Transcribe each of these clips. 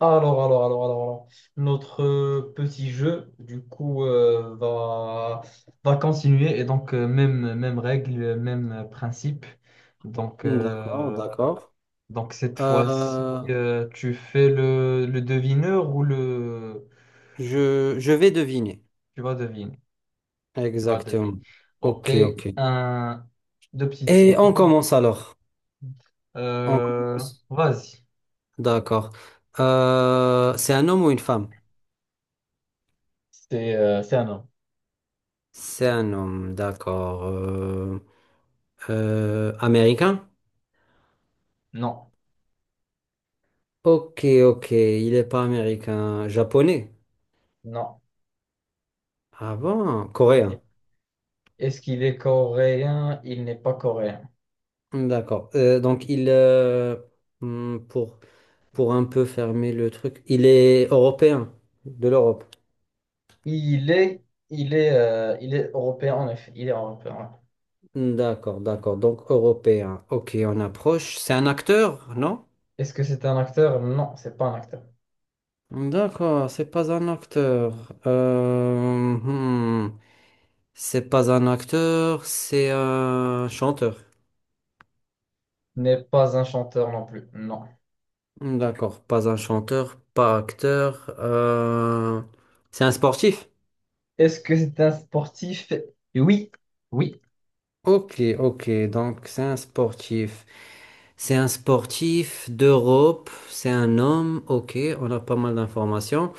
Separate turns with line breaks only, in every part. Alors, notre petit jeu, du coup, va continuer. Et donc même règle, même principe. Donc,
D'accord,
euh,
d'accord.
donc cette fois-ci,
Euh,
tu fais le devineur ou le...
je vais deviner.
Tu vas deviner. Tu vas deviner.
Exactement.
Ok,
Ok, ok.
un, deux petites
Et on
secondes.
commence alors. On
Euh,
commence.
vas-y.
D'accord. C'est un homme ou une femme?
C'est un homme.
C'est un homme, d'accord. Américain?
Non,
Ok, ok. Il n'est pas américain. Japonais?
non.
Ah bon?
Il
Coréen.
est- Est-ce qu'il est coréen? Il n'est pas coréen.
D'accord. Donc hmm, pour, pour un peu fermer le truc, il est européen, de l'Europe.
Il est, il est européen, en effet. Il est européen. Ouais.
D'accord, d'accord. Donc européen. Ok, on approche. C'est un acteur, non?
Est-ce que c'est un acteur? Non, c'est pas un acteur.
D'accord, c'est pas un acteur. Euh, hmm. C'est pas un acteur, c'est un chanteur.
N'est pas un chanteur non plus. Non.
D'accord, pas un chanteur, pas acteur. C'est un sportif.
Est-ce que c'est un sportif? Oui. Oui.
Ok, ok, donc c'est un sportif. C'est un sportif d'Europe, c'est un homme. Ok, on a pas mal d'informations.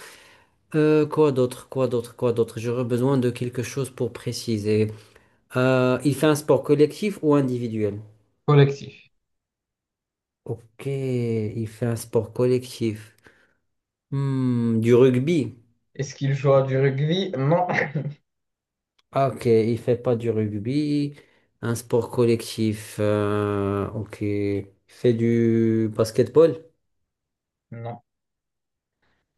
Quoi d'autre, quoi d'autre, quoi d'autre? J'aurais besoin de quelque chose pour préciser. Il fait un sport collectif ou individuel?
Collectif.
Ok, il fait un sport collectif. Du rugby.
Est-ce qu'il joue à du rugby? Non.
Ah, ok, il fait pas du rugby. Un sport collectif. Ok, il fait du basketball.
Non.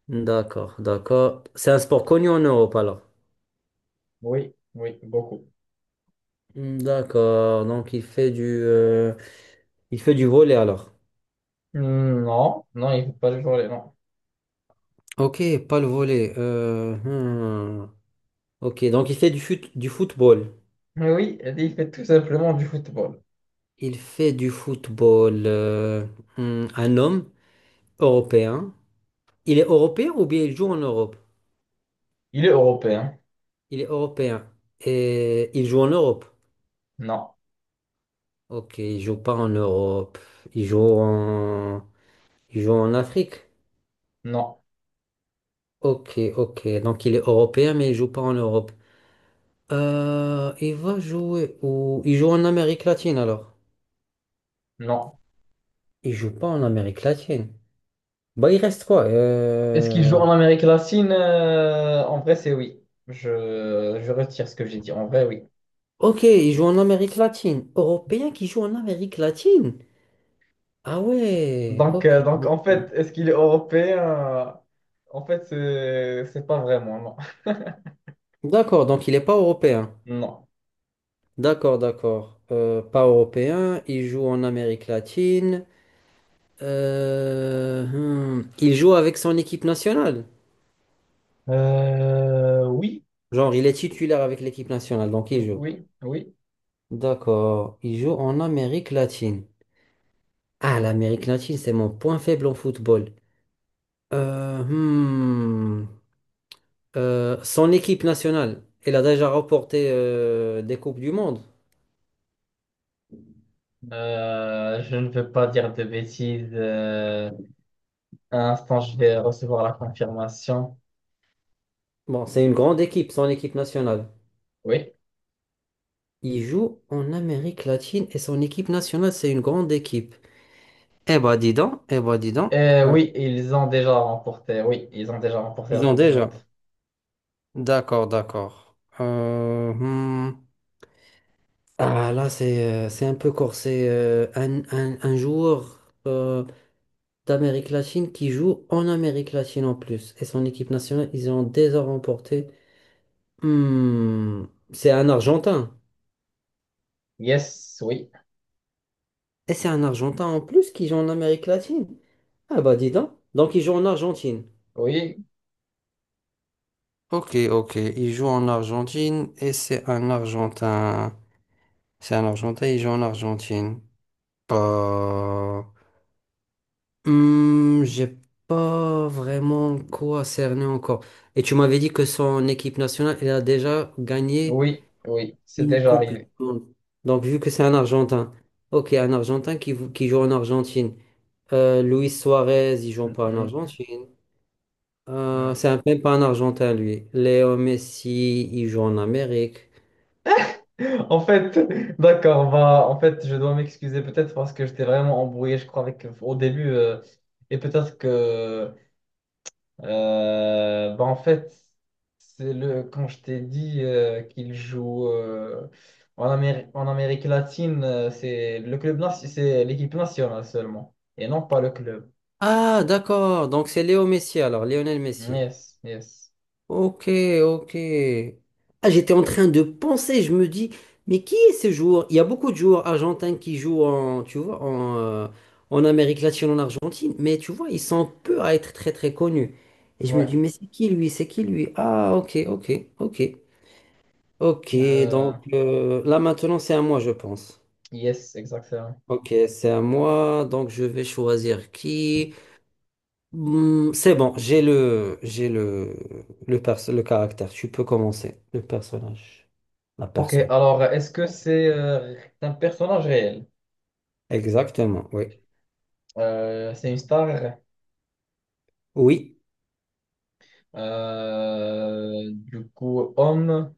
D'accord, d'accord. C'est un sport connu en Europe alors.
Oui. Oui. Beaucoup.
D'accord, donc il fait du volley alors.
Non. Non, il ne fait pas du volley. Non.
Ok, pas le volley. Hmm. Ok, donc il fait du football.
Mais oui, il fait tout simplement du football.
Il fait du football. Un homme européen. Il est européen ou bien il joue en Europe?
Il est européen.
Il est européen. Et il joue en Europe.
Non.
Ok, il joue pas en Europe. Il joue en, il joue en Afrique.
Non.
Ok, ok. Donc il est européen mais il joue pas en Europe. Il va jouer où? Il joue en Amérique latine alors.
Non.
Il joue pas en Amérique latine. Bah il reste quoi?
Est-ce qu'il joue en Amérique latine? En vrai, c'est oui. Je retire ce que j'ai dit. En vrai, oui.
Ok, il joue en Amérique latine. Européen qui joue en Amérique latine? Ah ouais,
Donc, euh,
ok.
donc en fait,
Ok.
est-ce qu'il est européen? En fait, c'est pas vraiment, non.
D'accord, donc il n'est pas européen.
Non.
D'accord, d'accord. Pas européen, il joue en Amérique latine. Il joue avec son équipe nationale.
Oui.
Genre, il est titulaire avec l'équipe nationale, donc il joue.
Oui, oui.
D'accord, il joue en Amérique latine. Ah, l'Amérique latine, c'est mon point faible en football. Euh, hmm. Son équipe nationale, elle a déjà remporté des Coupes du Monde.
Je ne veux pas dire de bêtises. Un instant, je vais recevoir la confirmation.
Bon, c'est une grande équipe, son équipe nationale.
Oui.
Il joue en Amérique latine et son équipe nationale, c'est une grande équipe. Eh ben, dis donc, eh ben, dis donc. euh,
Oui, ils ont déjà remporté. Oui, ils ont déjà remporté
ils
la
ont
Coupe du
déjà.
Monde.
D'accord, d'accord. Hmm. Ah, là, c'est c'est un peu corsé. Un joueur euh, d'Amérique latine qui joue en Amérique latine en plus. Et son équipe nationale, ils ont déjà remporté. Hmm, c'est un Argentin.
Yes, oui.
Et c'est un Argentin en plus qui joue en Amérique latine. Ah bah dis donc. Donc il joue en Argentine.
Oui.
Ok, ok. Il joue en Argentine et c'est un Argentin. C'est un Argentin, il joue en Argentine. Pas. J'ai pas vraiment quoi cerner encore. Et tu m'avais dit que son équipe nationale, elle a déjà gagné
Oui, oui, c'est
une
déjà
Coupe du
arrivé.
Monde. Donc vu que c'est un Argentin. Ok, un Argentin qui joue en Argentine. Luis Suarez, il joue
Mm,
pas en
mm,
Argentine.
non.
C'est même pas un Argentin, lui. Léo Messi, il joue en Amérique.
En fait, d'accord, bah, en fait, je dois m'excuser peut-être parce que j'étais vraiment embrouillé, je crois, avec, au début. Et peut-être que, bah, en fait, c'est le, quand je t'ai dit qu'il joue en Amérique latine, c'est le club, c'est l'équipe nationale seulement, et non pas le club.
Ah, d'accord. Donc c'est Léo Messi, alors, Lionel Messi.
Yes, yes.
Ok, ok. Ah, j'étais en train de penser, je me dis, mais qui est ce joueur? Il y a beaucoup de joueurs argentins qui jouent en, tu vois, en Amérique latine, en Argentine, mais tu vois, ils sont peu à être très très connus. Et je me
Ouais.
dis, mais c'est qui lui? C'est qui lui? Ah, ok, ok, ok. Ok,
Euh,
donc là maintenant c'est à moi, je pense.
yes, exactement.
Ok, c'est à moi, donc je vais choisir qui. C'est bon, j'ai le caractère. Tu peux commencer. Le personnage, la
Ok,
personne.
alors est-ce que c'est un personnage réel?
Exactement, oui.
C'est une star,
Oui,
du coup, homme,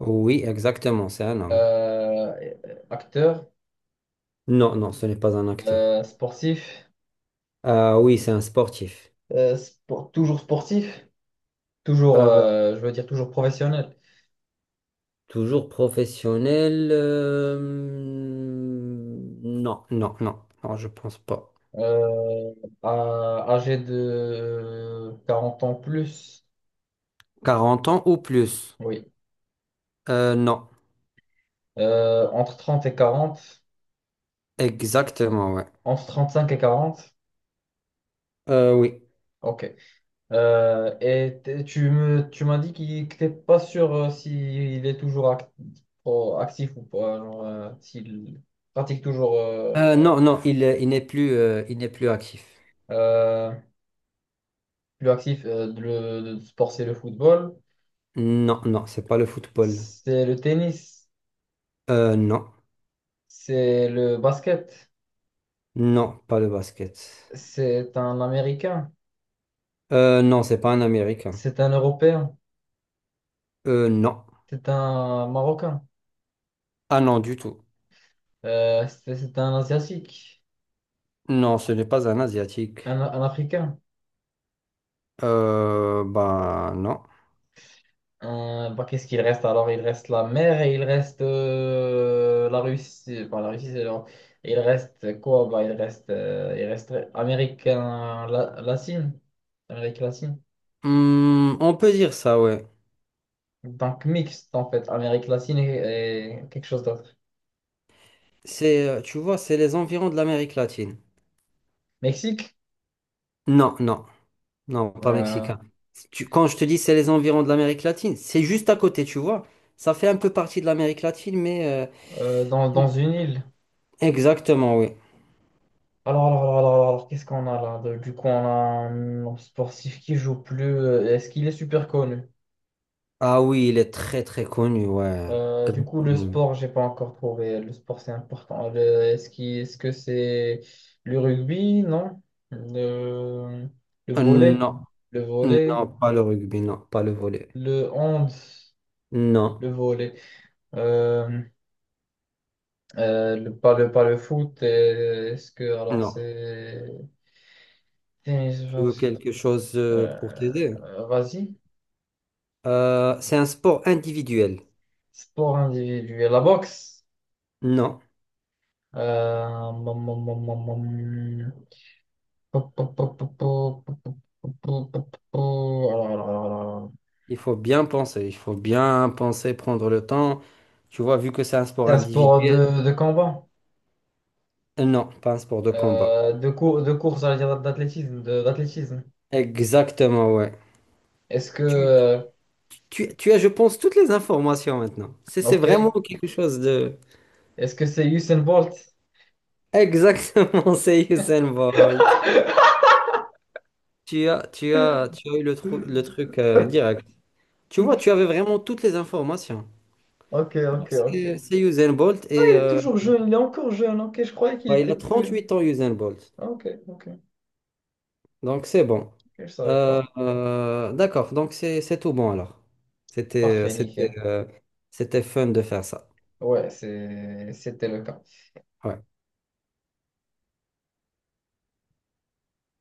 oui, exactement, c'est un homme.
euh, acteur,
Non, non, ce n'est pas un acteur.
sportif,
Ah oui, c'est un sportif.
toujours sportif, toujours,
Euh,
je veux dire, toujours professionnel,
Toujours professionnel. Non, non, non, non, je pense pas.
euh, âgé de 40 ans plus,
40 ans ou plus.
oui.
Non,
Entre 30 et 40,
exactement, ouais.
entre 35 et 40,
Oui.
ok. Et tu me, tu m'as dit qu'il, que t'es pas sûr s'il est toujours oh, actif ou pas, genre, s'il pratique toujours
Non, non, il n'est plus actif.
euh, plus actif. Le sport c'est le football,
Non, non, c'est pas le football.
c'est le tennis,
Non,
c'est le basket,
non, pas le basket.
c'est un Américain,
Non, c'est pas un Américain.
c'est un Européen,
Non.
c'est un Marocain,
Ah non, du tout.
c'est un Asiatique,
Non, ce n'est pas un Asiatique.
un Africain.
Bah non.
Bah, qu'est-ce qu'il reste alors? Il reste la mer et il reste la Russie. Bah, la Russie, c'est Il reste quoi? Bah, il reste Amérique latine. Amérique latine.
On peut dire ça, ouais.
Donc mixte en fait. Amérique latine et quelque chose d'autre.
C'est, tu vois, c'est les environs de l'Amérique latine.
Mexique?
Non, non. Non, pas
Euh,
mexicain. Quand je te dis c'est les environs de l'Amérique latine, c'est juste à côté, tu vois. Ça fait un peu partie de l'Amérique latine, mais
Dans, dans une île.
exactement, oui.
Alors, qu'est-ce qu'on a là? Du coup, on a un sportif qui joue plus. Euh, est-ce qu'il est super connu?
Ah oui, il est très très connu, ouais.
Du coup, le
Grandement.
sport, j'ai pas encore trouvé. Le sport, c'est important. Est-ce que c'est le rugby? Non. Le, le volley?
Non,
Le volley?
non, pas le rugby, non, pas le volley.
Le hand?
Non,
Le volley. Euh, le, pas, le, pas le foot. Euh, est-ce que, alors,
non.
c'est...
Tu veux
tennis,
quelque chose pour t'aider?
vas-y.
C'est un sport individuel.
Sport individuel. La boxe?
Non,
Mm, mm, mm, mm, mm. Pop, pop, pop, pop, pop, pop, pop, pop, pop, pop. Alors, alors.
il faut bien penser, il faut bien penser, prendre le temps. Tu vois, vu que c'est un sport
C'est un sport
individuel,
de combat,
non, pas un sport de combat.
de, cour de course, j'allais dire d'athlétisme, d'athlétisme.
Exactement, ouais.
Est-ce que,
Tu, tu, tu as, je pense, toutes les informations maintenant. C'est
ok,
vraiment quelque chose de...
est-ce que c'est Usain Bolt?
Exactement, c'est Usain Bolt. Tu as, tu as, tu as eu le truc direct. Tu vois, tu avais vraiment toutes les informations.
Ok,
Donc,
ok, ok.
c'est Usain Bolt
Ah,
et
il est toujours jeune, il est encore jeune. Ok, je croyais qu'il
bah, il
était
a
plus.
38 ans, Usain Bolt.
Ah, ok, ok, ok,
Donc, c'est bon.
je savais pas.
D'accord, donc c'est tout bon alors. C'était, euh,
Parfait,
c'était,
nickel.
euh, c'était fun de faire ça.
Ouais, c'est, c'était le cas.
Ouais.